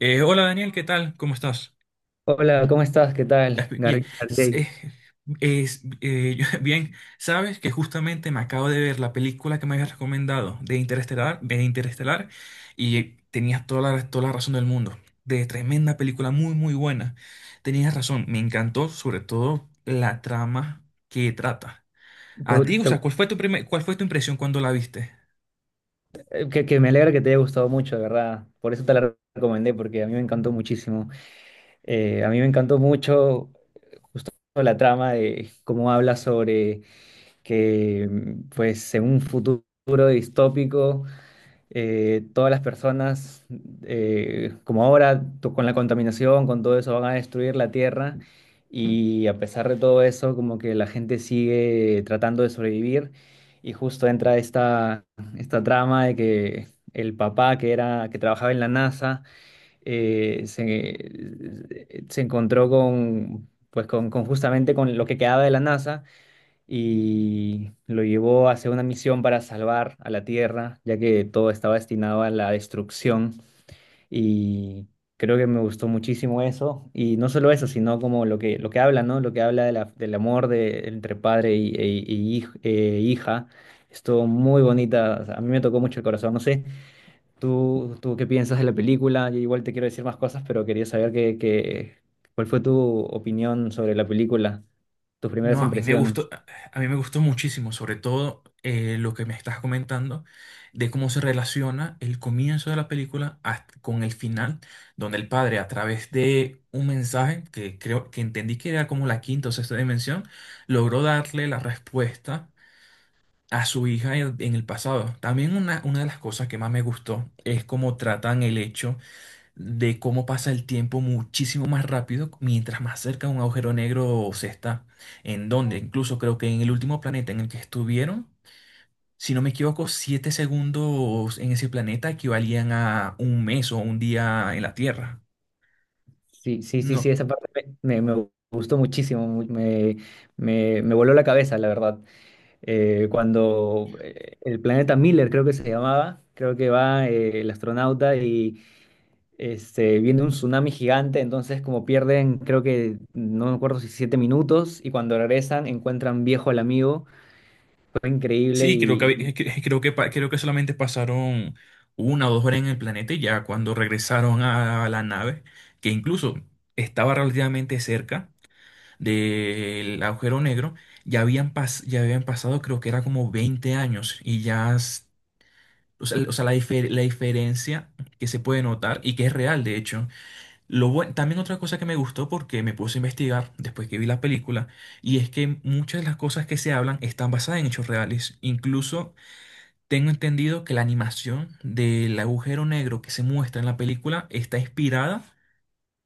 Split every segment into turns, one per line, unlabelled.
Hola Daniel, ¿qué tal? ¿Cómo estás?
Hola, ¿cómo estás? ¿Qué
Ya,
tal?
bien.
García?
s-
Te-
eh, bien, sabes que justamente me acabo de ver la película que me habías recomendado de Interestelar, y tenías toda la razón del mundo. De tremenda película, muy, muy buena. Tenías razón, me encantó sobre todo la trama que trata. A
gu-
ti, o
te-
sea,
gu-
cuál fue tu impresión cuando la viste?
que me alegra que te haya gustado mucho, de verdad. Por eso te la recomendé, porque a mí me encantó muchísimo. A mí me encantó mucho justo la trama de cómo habla sobre que, pues, en un futuro distópico, todas las personas, como ahora, con la contaminación, con todo eso, van a destruir la tierra. Y a pesar de todo eso, como que la gente sigue tratando de sobrevivir. Y justo entra esta trama de que el papá que era, que trabajaba en la NASA, se encontró con justamente con lo que quedaba de la NASA y lo llevó hacia una misión para salvar a la Tierra, ya que todo estaba destinado a la destrucción y creo que me gustó muchísimo eso y no solo eso, sino como lo que habla, ¿no? Lo que habla de del amor de, entre padre y e hija. Estuvo muy bonita, o sea, a mí me tocó mucho el corazón, no sé, tú qué piensas de la película, yo igual te quiero decir más cosas, pero quería saber cuál fue tu opinión sobre la película, tus primeras
No,
impresiones.
a mí me gustó muchísimo, sobre todo lo que me estás comentando de cómo se relaciona el comienzo de la película con el final, donde el padre, a través de un mensaje que creo que entendí que era como la quinta o sexta dimensión, logró darle la respuesta a su hija en el pasado. También una de las cosas que más me gustó es cómo tratan el hecho de cómo pasa el tiempo muchísimo más rápido mientras más cerca de un agujero negro se está. En donde, incluso creo que en el último planeta en el que estuvieron, si no me equivoco, 7 segundos en ese planeta equivalían a un mes o un día en la Tierra.
Sí, sí, sí, sí,
No.
esa parte me gustó muchísimo, me voló la cabeza, la verdad. Cuando el planeta Miller, creo que se llamaba, creo que va el astronauta y este, viene un tsunami gigante, entonces como pierden, creo que, no me acuerdo si siete minutos, y cuando regresan encuentran viejo al amigo, fue increíble
Sí, creo que,
y
había- cre- creo que, pa- creo que solamente pasaron 1 o 2 horas en el planeta y ya cuando regresaron a la nave, que incluso estaba relativamente cerca del agujero negro, ya habían pasado, creo que era como 20 años. Y ya, o sea, la diferencia que se puede notar y que es real, de hecho. También otra cosa que me gustó, porque me puse a investigar después que vi la película, y es que muchas de las cosas que se hablan están basadas en hechos reales. Incluso tengo entendido que la animación del agujero negro que se muestra en la película está inspirada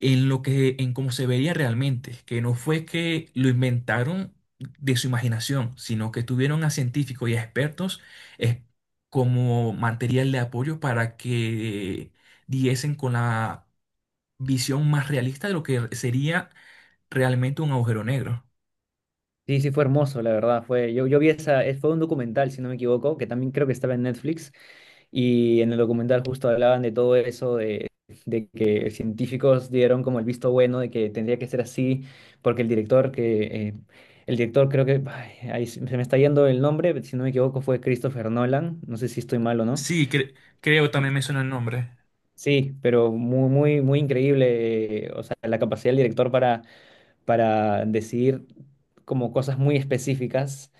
en cómo se veía realmente, que no fue que lo inventaron de su imaginación, sino que tuvieron a científicos y a expertos eh, como material de apoyo para que diesen con la visión más realista de lo que sería realmente un agujero negro.
sí, sí, fue hermoso, la verdad. Fue, yo vi esa, fue un documental, si no me equivoco, que también creo que estaba en Netflix. Y en el documental justo hablaban de todo eso, de que científicos dieron como el visto bueno de que tendría que ser así, porque el director que... eh, el director creo que... ay, ahí se me está yendo el nombre, si no me equivoco fue Christopher Nolan, no sé si estoy mal o no.
Sí, creo también me suena el nombre.
Sí, pero muy, muy, muy increíble, o sea, la capacidad del director para decidir como cosas muy específicas.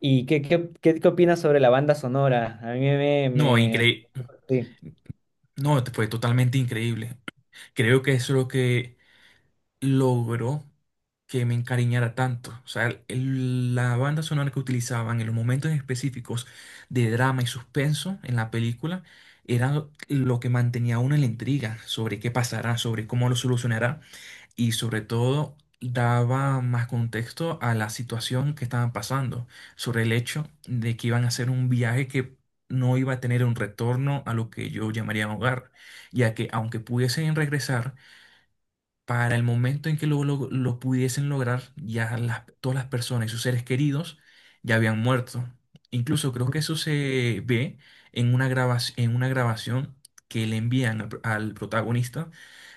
¿Y qué opinas sobre la banda sonora? A mí me...
No,
me
increíble.
sí.
No, fue totalmente increíble. Creo que eso es lo que logró que me encariñara tanto. O sea, la banda sonora que utilizaban en los momentos específicos de drama y suspenso en la película era lo que mantenía a uno en la intriga sobre qué pasará, sobre cómo lo solucionará, y sobre todo daba más contexto a la situación que estaban pasando, sobre el hecho de que iban a hacer un viaje que no iba a tener un retorno a lo que yo llamaría hogar, ya que aunque pudiesen regresar, para el momento en que lo pudiesen lograr, ya todas las personas y sus seres queridos ya habían muerto. Incluso creo que eso se ve en una grabación que le envían al protagonista,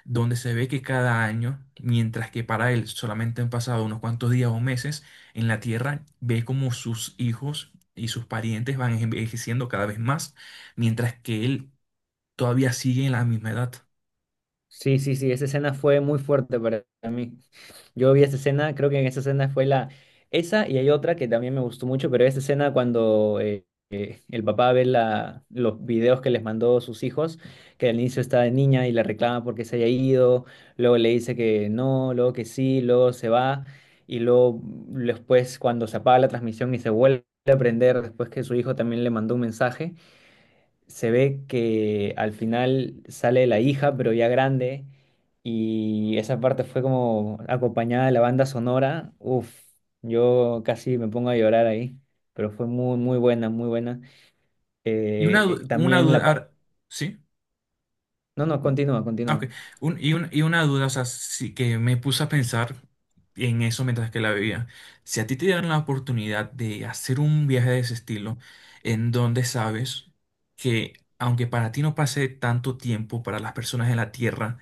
donde se ve que cada año, mientras que para él solamente han pasado unos cuantos días o meses en la Tierra, ve como sus hijos y sus parientes van envejeciendo cada vez más, mientras que él todavía sigue en la misma edad.
Sí, sí, sí, esa escena fue muy fuerte para mí. Yo vi esa escena, creo que en esa escena fue la... Esa y hay otra que también me gustó mucho, pero esa escena cuando el papá ve la, los videos que les mandó sus hijos, que al inicio está de niña y la reclama porque se haya ido, luego le dice que no, luego que sí, luego se va, y luego después cuando se apaga la transmisión y se vuelve a prender, después que su hijo también le mandó un mensaje se ve que al final sale la hija, pero ya grande, y esa parte fue como acompañada de la banda sonora. Uf, yo casi me pongo a llorar ahí, pero fue muy, muy buena, muy buena.
Y
Y
una
también la
duda,
parte...
¿sí?
No, no, continúa,
Ah, ok.
continúa.
Una duda, o sea, sí, que me puse a pensar en eso mientras que la veía. Si a ti te dieran la oportunidad de hacer un viaje de ese estilo, en donde sabes que aunque para ti no pase tanto tiempo, para las personas en la Tierra,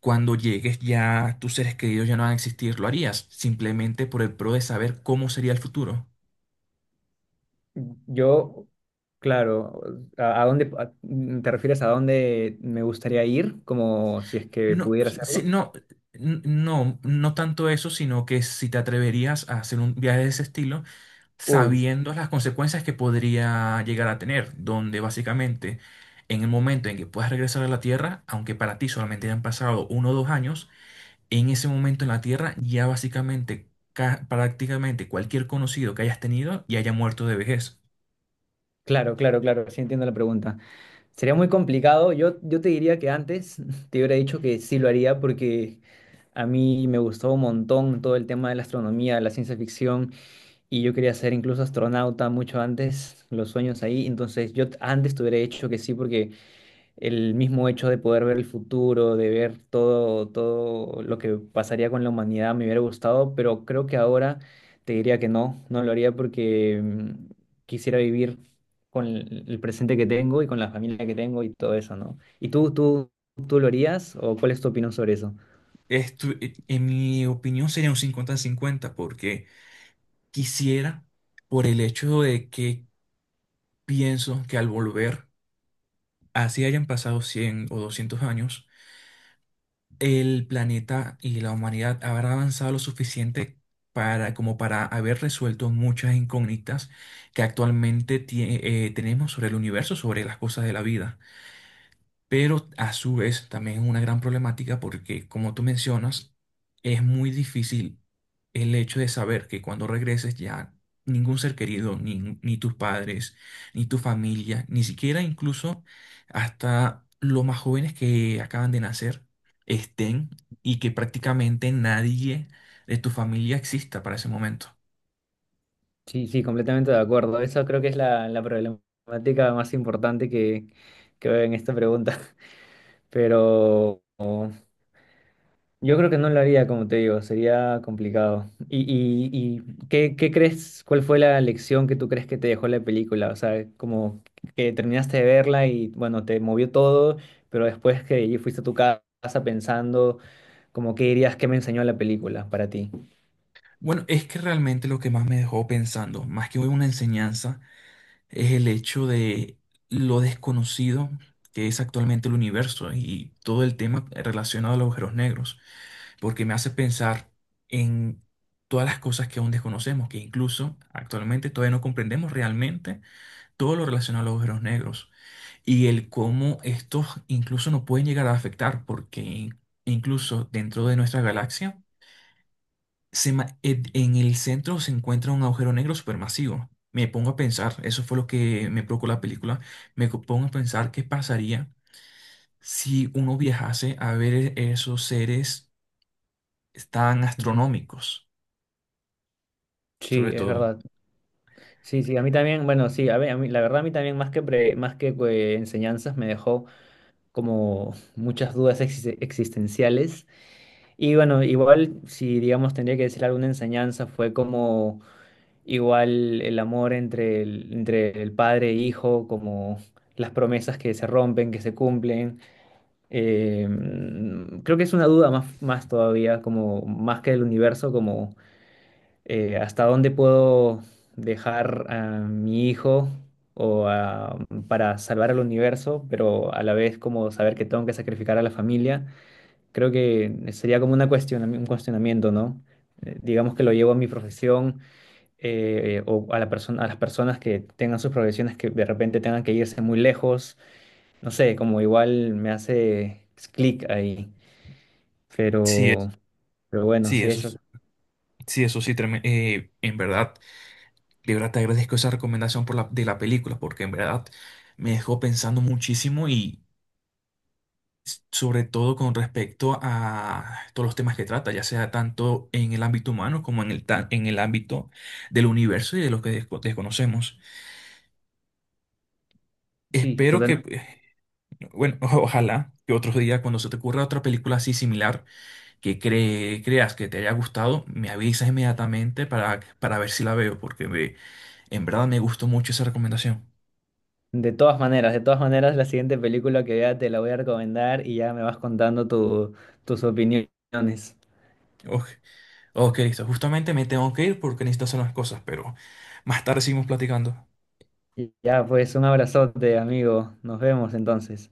cuando llegues ya tus seres queridos ya no van a existir, ¿lo harías simplemente por el pro de saber cómo sería el futuro?
Yo, claro, ¿a, a dónde a- te refieres a dónde me gustaría ir? Como si es que
No,
pudiera
sí,
hacerlo.
no. No tanto eso, sino que si te atreverías a hacer un viaje de ese estilo
Uy,
sabiendo las consecuencias que podría llegar a tener, donde básicamente en el momento en que puedas regresar a la Tierra, aunque para ti solamente hayan pasado 1 o 2 años, en ese momento en la Tierra ya básicamente prácticamente cualquier conocido que hayas tenido ya haya muerto de vejez.
claro, claro, claro, sí entiendo la pregunta. Sería muy complicado. Yo te diría que antes te hubiera dicho que sí lo haría porque a mí me gustó un montón todo el tema de la astronomía, la ciencia ficción y yo quería ser incluso astronauta mucho antes, los sueños ahí. Entonces antes te hubiera dicho que sí porque el mismo hecho de poder ver el futuro, de ver todo, todo lo que pasaría con la humanidad, me hubiera gustado, pero creo que ahora te diría que no, no lo haría porque quisiera vivir con el presente que tengo y con la familia que tengo y todo eso, ¿no? ¿Y tú lo harías o cuál es tu opinión sobre eso?
Esto, en mi opinión, sería un 50-50, porque quisiera, por el hecho de que pienso que al volver, así hayan pasado 100 o 200 años, el planeta y la humanidad habrá avanzado lo suficiente para, como para haber resuelto muchas incógnitas que actualmente tenemos sobre el universo, sobre las cosas de la vida. Pero a su vez también es una gran problemática porque, como tú mencionas, es muy difícil el hecho de saber que cuando regreses ya ningún ser querido, ni tus padres, ni tu familia, ni siquiera incluso hasta los más jóvenes que acaban de nacer estén, y que prácticamente nadie de tu familia exista para ese momento.
Sí, sí, completamente de acuerdo. Eso creo que es la problemática más importante que veo en esta pregunta. Pero yo creo que no lo haría, como te digo, sería complicado. Y qué crees, cuál fue la lección que tú crees que te dejó la película? O sea, como que terminaste de verla y bueno, te movió todo, pero después que y fuiste a tu casa pensando, como qué dirías que me enseñó la película para ti.
Bueno, es que realmente lo que más me dejó pensando, más que una enseñanza, es el hecho de lo desconocido que es actualmente el universo y todo el tema relacionado a los agujeros negros, porque me hace pensar en todas las cosas que aún desconocemos, que incluso actualmente todavía no comprendemos realmente todo lo relacionado a los agujeros negros y el cómo estos incluso nos pueden llegar a afectar, porque incluso dentro de nuestra galaxia, en el centro se encuentra un agujero negro supermasivo. Me pongo a pensar, eso fue lo que me provocó la película, pongo a pensar qué pasaría si uno viajase a ver esos seres tan
Ujú.
astronómicos,
Sí,
sobre
es
todo.
verdad. Sí, sí, a mí también, bueno, sí, a mí, la verdad a mí también más más que enseñanzas me dejó como muchas dudas existenciales. Y bueno, igual si digamos tendría que decir alguna enseñanza, fue como igual el amor entre entre el padre e hijo, como las promesas que se rompen, que se cumplen. Creo que es una duda más, más todavía, como más que el universo, como hasta dónde puedo dejar a mi hijo o a- para salvar al universo, pero a la vez como saber que tengo que sacrificar a la familia. Creo que sería como una un cuestionamiento, ¿no? Digamos que lo llevo a mi profesión o a la persona, a las personas que tengan sus profesiones que de repente tengan que irse muy lejos. No sé, como igual me hace clic ahí.
Sí,
Pero, pero bueno,
sí,
sí, eso.
sí, eso sí. En verdad, de verdad te agradezco esa recomendación por de la película, porque en verdad me dejó pensando muchísimo sobre todo con respecto a todos los temas que trata, ya sea tanto en el ámbito humano como en en el ámbito del universo y de lo que desconocemos.
Sí,
Espero que,
totalmente.
bueno, ojalá que otros días cuando se te ocurra otra película así similar que creas que te haya gustado, me avisas inmediatamente para ver si la veo, porque en verdad me gustó mucho esa recomendación.
De todas maneras, la siguiente película que vea te la voy a recomendar y ya me vas contando tus opiniones.
Ok, ok, listo. Justamente me tengo que ir porque necesito hacer unas cosas, pero más tarde seguimos platicando.
Y ya, pues un abrazote, amigo. Nos vemos entonces.